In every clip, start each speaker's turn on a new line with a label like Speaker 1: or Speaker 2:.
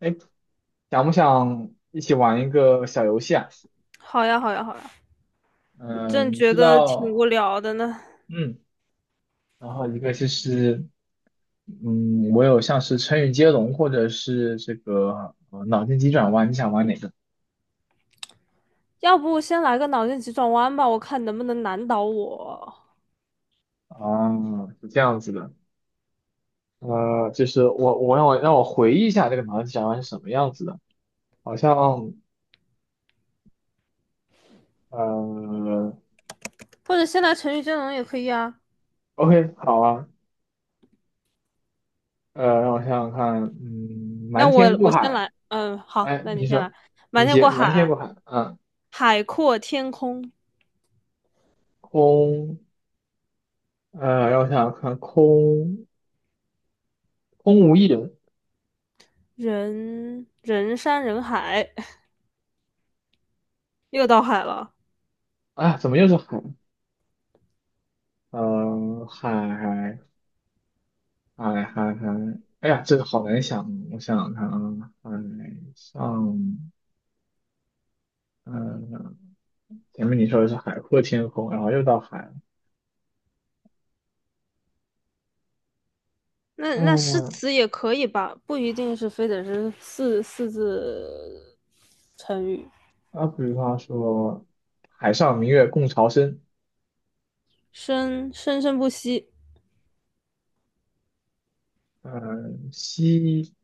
Speaker 1: 哎，想不想一起玩一个小游戏啊？
Speaker 2: 好呀，好呀，好呀，
Speaker 1: 嗯、
Speaker 2: 正
Speaker 1: 你
Speaker 2: 觉
Speaker 1: 知
Speaker 2: 得挺无
Speaker 1: 道，
Speaker 2: 聊的呢。
Speaker 1: 嗯，然后一个就是，我有像是成语接龙或者是这个脑筋急转弯，你想玩哪个？
Speaker 2: 要不先来个脑筋急转弯吧，我看能不能难倒我。
Speaker 1: 啊？是这样子的，就是让我回忆一下这个脑筋急转弯是什么样子的，好像呃
Speaker 2: 或者先来成语接龙也可以啊。
Speaker 1: ，OK，好啊，让我想想看，
Speaker 2: 那
Speaker 1: 瞒天
Speaker 2: 我
Speaker 1: 过
Speaker 2: 我先
Speaker 1: 海，
Speaker 2: 来，嗯，好，
Speaker 1: 哎，
Speaker 2: 那你
Speaker 1: 你
Speaker 2: 先来。
Speaker 1: 说。
Speaker 2: 瞒
Speaker 1: 你
Speaker 2: 天
Speaker 1: 接
Speaker 2: 过
Speaker 1: 瞒天
Speaker 2: 海，
Speaker 1: 过海，嗯，
Speaker 2: 海阔天空，
Speaker 1: 空让我想想看，空无一人。
Speaker 2: 人山人海，又到海了。
Speaker 1: 哎呀，怎么又是海？呃，海海海，哎呀，这个好难想。我想想看啊，海上，嗯、前面你说的是海阔天空，然后又到海了。
Speaker 2: 那诗
Speaker 1: 嗯。
Speaker 2: 词也可以吧，不一定是非得是四字成语。
Speaker 1: 啊，比方说，海上明月共潮生。
Speaker 2: 生生不息，
Speaker 1: 嗯、西，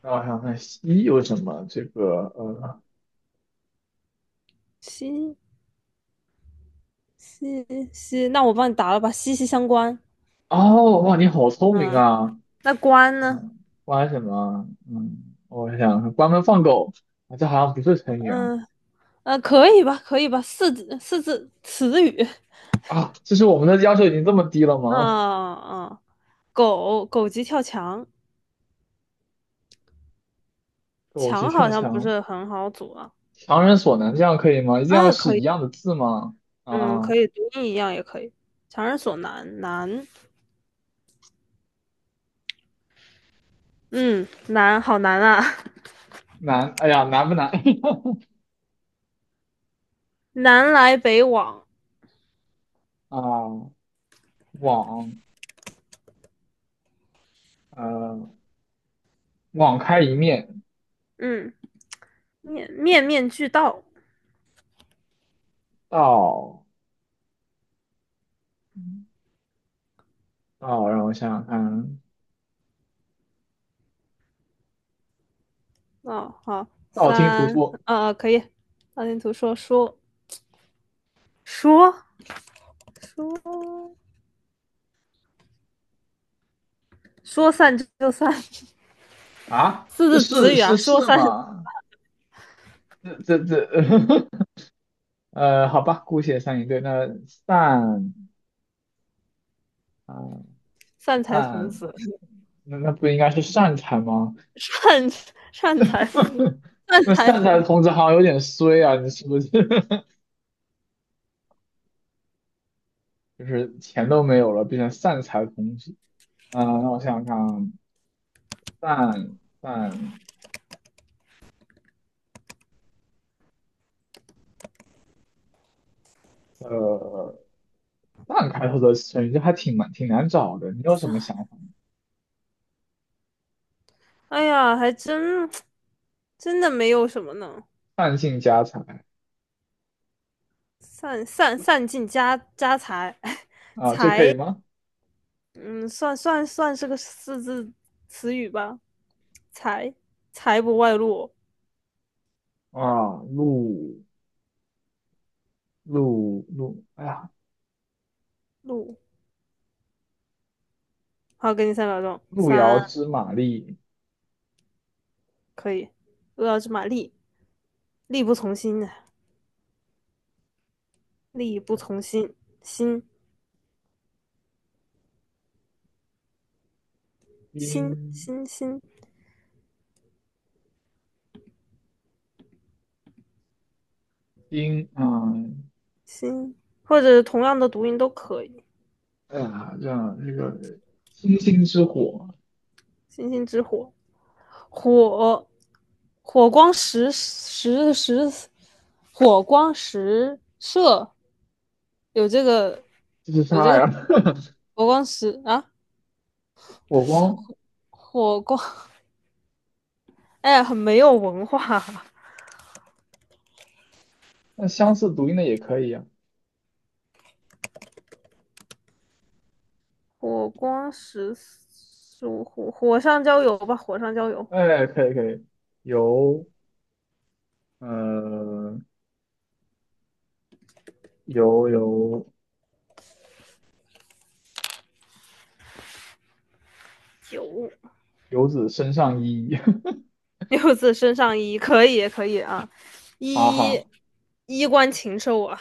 Speaker 1: 让我想想看，西有什么？这个，呃。
Speaker 2: 息息息，那我帮你答了吧，息息相关。
Speaker 1: 哦，哇，你好聪明
Speaker 2: 嗯，
Speaker 1: 啊！
Speaker 2: 那关呢？
Speaker 1: 关什么？嗯，我想想关门放狗。啊，这好像不是成语啊。
Speaker 2: 嗯可以吧，可以吧，四字词语。
Speaker 1: 啊，这是我们的要求已经这么低了吗？
Speaker 2: 嗯嗯，狗急跳墙，
Speaker 1: 狗急
Speaker 2: 墙好
Speaker 1: 跳
Speaker 2: 像不
Speaker 1: 墙。
Speaker 2: 是很好组啊。
Speaker 1: 强人所难，这样可以吗？一定要
Speaker 2: 啊，
Speaker 1: 是
Speaker 2: 可
Speaker 1: 一
Speaker 2: 以，
Speaker 1: 样的字吗？
Speaker 2: 嗯，
Speaker 1: 啊，
Speaker 2: 可以，读音一样也可以。强人所难，难，嗯，难，好难啊，
Speaker 1: 难，哎呀，难不难？
Speaker 2: 南来北往，
Speaker 1: 啊，网，呃，网开一面。
Speaker 2: 嗯，面面俱到。
Speaker 1: 道，道，让我想想看，
Speaker 2: 哦，好，
Speaker 1: 道听途说。
Speaker 2: 可以，大地图说说说。说说散就散，
Speaker 1: 啊，
Speaker 2: 四
Speaker 1: 这
Speaker 2: 字词
Speaker 1: 是
Speaker 2: 语啊，
Speaker 1: 是是吗？这这这，好吧，姑且算一对。那散。啊，
Speaker 2: 散财童
Speaker 1: 那
Speaker 2: 子，
Speaker 1: 那不应该是善财吗？
Speaker 2: 散散财童，善
Speaker 1: 那
Speaker 2: 财
Speaker 1: 善财
Speaker 2: 童
Speaker 1: 童子好像有点衰啊，你是不是？就是钱都没有了，变成善财童子。嗯，那我想想看啊，善善呃善开头的成语，这还挺难找的。你有什么
Speaker 2: 子。
Speaker 1: 想法吗？
Speaker 2: 哎呀，还真的没有什么呢，
Speaker 1: 善尽家财。
Speaker 2: 散尽家财，
Speaker 1: 啊，这可以吗？
Speaker 2: 嗯，算是个四字词语吧，财财不外露
Speaker 1: 啊，路路路，哎呀，
Speaker 2: 露。好，给你三秒钟，
Speaker 1: 路遥知马力，
Speaker 2: 可以。饿要知马力，力不从心啊力不从心，心
Speaker 1: 兵
Speaker 2: 星星星
Speaker 1: 兵啊。
Speaker 2: 星，或者同样的读音都可以。
Speaker 1: 哎呀，这样这个星星之火，
Speaker 2: 星星之火，火，火光石石石，火光石射，有这个
Speaker 1: 就是
Speaker 2: 有这
Speaker 1: 它
Speaker 2: 个
Speaker 1: 呀。
Speaker 2: 火光石啊，
Speaker 1: 火光。
Speaker 2: 火光，哎很没有文化。
Speaker 1: 那相似读音的也可以呀。
Speaker 2: 火光石，火上浇油吧，火上浇油。
Speaker 1: 哎，可以可以，游，呃游游
Speaker 2: 九
Speaker 1: 游子身上衣。
Speaker 2: 六字身上衣，可以可以啊，
Speaker 1: 好
Speaker 2: 衣
Speaker 1: 好
Speaker 2: 衣冠禽兽啊，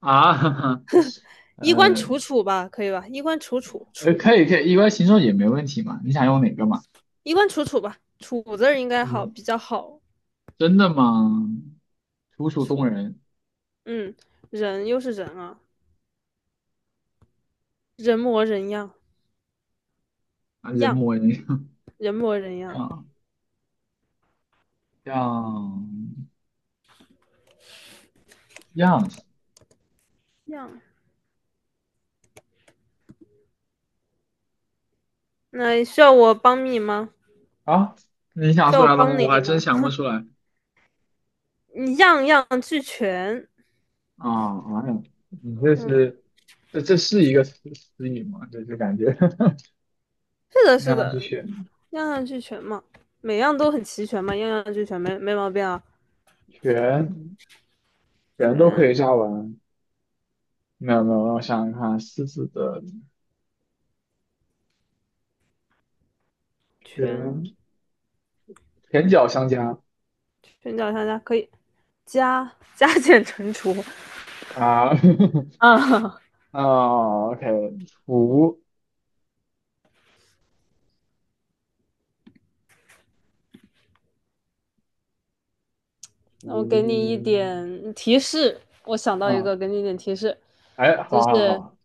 Speaker 1: 啊，哈哈，呃
Speaker 2: 衣冠楚楚
Speaker 1: 可
Speaker 2: 楚，
Speaker 1: 以可以，一般形容也没问题嘛。你想用哪个嘛？
Speaker 2: 衣冠楚楚吧，楚字儿应该好
Speaker 1: 嗯，
Speaker 2: 比较好
Speaker 1: 真的吗？楚楚
Speaker 2: 楚，
Speaker 1: 动人。
Speaker 2: 嗯，人又是人啊，人模人样
Speaker 1: 啊，人
Speaker 2: 样，
Speaker 1: 模人
Speaker 2: 人模人样
Speaker 1: 样样样
Speaker 2: 样，那需要我帮你吗？
Speaker 1: 啊！你想
Speaker 2: 需
Speaker 1: 出
Speaker 2: 要我
Speaker 1: 来了吗？
Speaker 2: 帮你
Speaker 1: 我还真
Speaker 2: 吗？
Speaker 1: 想不出来。
Speaker 2: 你样样俱全，
Speaker 1: 啊哎呀，你这
Speaker 2: 嗯，
Speaker 1: 是这是一个词语吗？这就感觉
Speaker 2: 是 的，
Speaker 1: 那
Speaker 2: 是
Speaker 1: 样去
Speaker 2: 的，
Speaker 1: 选，
Speaker 2: 样样俱全嘛，每样都很齐全嘛，样样俱全没毛病啊，
Speaker 1: 全全都可
Speaker 2: 全
Speaker 1: 以加完。没有没有，让我想想看，狮子的
Speaker 2: 全。
Speaker 1: 全全脚相加。
Speaker 2: 寻找商家可以加减乘除
Speaker 1: 啊
Speaker 2: 啊，
Speaker 1: 啊，OK，图
Speaker 2: 那我给你一
Speaker 1: 图
Speaker 2: 点提示，我想到一
Speaker 1: 啊，
Speaker 2: 个，给你一点提示，
Speaker 1: 哎，
Speaker 2: 就
Speaker 1: 好好
Speaker 2: 是
Speaker 1: 好，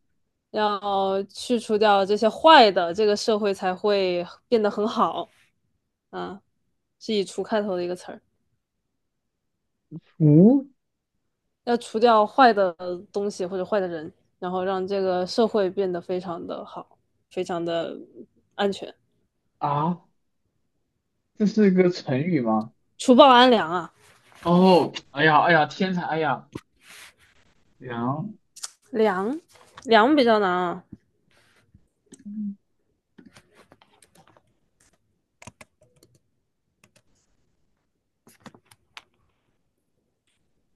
Speaker 2: 要去除掉这些坏的，这个社会才会变得很好。啊，是以"除"开头的一个词儿，
Speaker 1: 图。
Speaker 2: 要除掉坏的东西或者坏的人，然后让这个社会变得非常的好，非常的安全，
Speaker 1: 啊，这是一个成语吗？
Speaker 2: 除暴安良啊。
Speaker 1: 哦，哎呀哎呀，天才，哎呀，良
Speaker 2: 良，良比较难啊，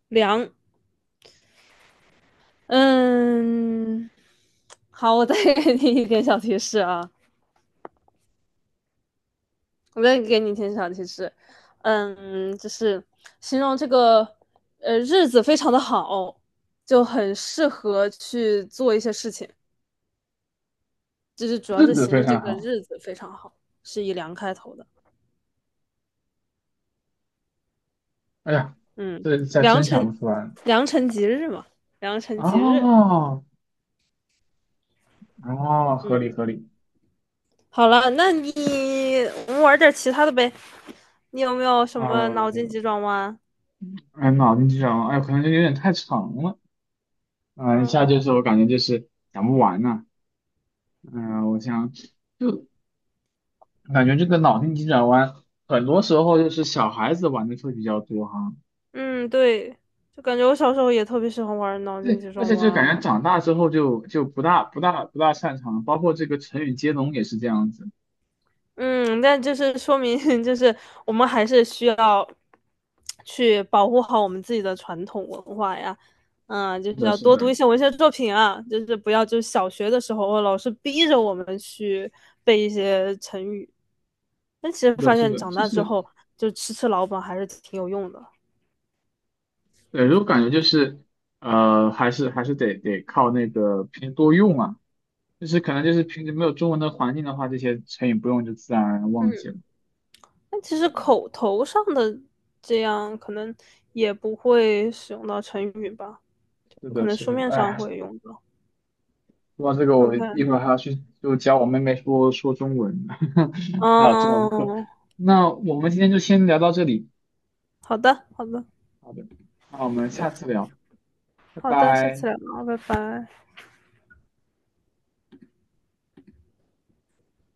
Speaker 2: 良嗯，好，我再给你一点小提示啊，我再给你一点小提示，嗯，就是形容这个日子非常的好，就很适合去做一些事情，就是主要
Speaker 1: 日
Speaker 2: 是
Speaker 1: 子
Speaker 2: 形
Speaker 1: 非
Speaker 2: 容这
Speaker 1: 常
Speaker 2: 个
Speaker 1: 好，
Speaker 2: 日子非常好，是以良开头的，
Speaker 1: 哎呀，
Speaker 2: 嗯，
Speaker 1: 这下
Speaker 2: 良
Speaker 1: 真想不
Speaker 2: 辰
Speaker 1: 出来。
Speaker 2: 良辰吉日嘛，良辰吉日，
Speaker 1: 哦，哦，合理
Speaker 2: 嗯，
Speaker 1: 合理。
Speaker 2: 好了，我们玩点其他的呗，你有没有什么脑筋
Speaker 1: 嗯，
Speaker 2: 急转弯？
Speaker 1: 哎，脑筋急转弯，哎，可能就有点太长了。嗯，一下
Speaker 2: 嗯。
Speaker 1: 就是我感觉就是讲不完呐。我想就感觉这个脑筋急转弯，很多时候就是小孩子玩的会比较多哈。
Speaker 2: 嗯，对，就感觉我小时候也特别喜欢玩脑筋
Speaker 1: 对，
Speaker 2: 急
Speaker 1: 而
Speaker 2: 转
Speaker 1: 且
Speaker 2: 弯
Speaker 1: 就感
Speaker 2: 啊。
Speaker 1: 觉长大之后就不大擅长，包括这个成语接龙也是这样子。
Speaker 2: 嗯，但就是说明，就是我们还是需要去保护好我们自己的传统文化呀。嗯，就
Speaker 1: 是
Speaker 2: 是
Speaker 1: 的，
Speaker 2: 要
Speaker 1: 是
Speaker 2: 多读
Speaker 1: 的，
Speaker 2: 一些文学作品啊，就是不要就小学的时候老师逼着我们去背一些成语。但其实
Speaker 1: 是的，
Speaker 2: 发
Speaker 1: 是
Speaker 2: 现
Speaker 1: 的，
Speaker 2: 长
Speaker 1: 就
Speaker 2: 大之
Speaker 1: 是
Speaker 2: 后，就吃老本还是挺有用的。
Speaker 1: 对，我感觉就是还是得靠那个平时多用啊。就是可能就是平时没有中文的环境的话，这些成语不用就自然而然忘记了。
Speaker 2: 但其实口头上的这样可能也不会使用到成语吧，
Speaker 1: 是
Speaker 2: 可
Speaker 1: 的，
Speaker 2: 能
Speaker 1: 是
Speaker 2: 书
Speaker 1: 的，
Speaker 2: 面上
Speaker 1: 哎，
Speaker 2: 会用到。
Speaker 1: 说到这个，我一
Speaker 2: OK，
Speaker 1: 会儿还要去就教我妹妹说说中文，还有中文课。
Speaker 2: 嗯，
Speaker 1: 那我们今天就先聊到这里，
Speaker 2: 好的，好的，
Speaker 1: 好的，那我们下次聊，拜
Speaker 2: 好的，下次
Speaker 1: 拜。
Speaker 2: 聊，拜拜。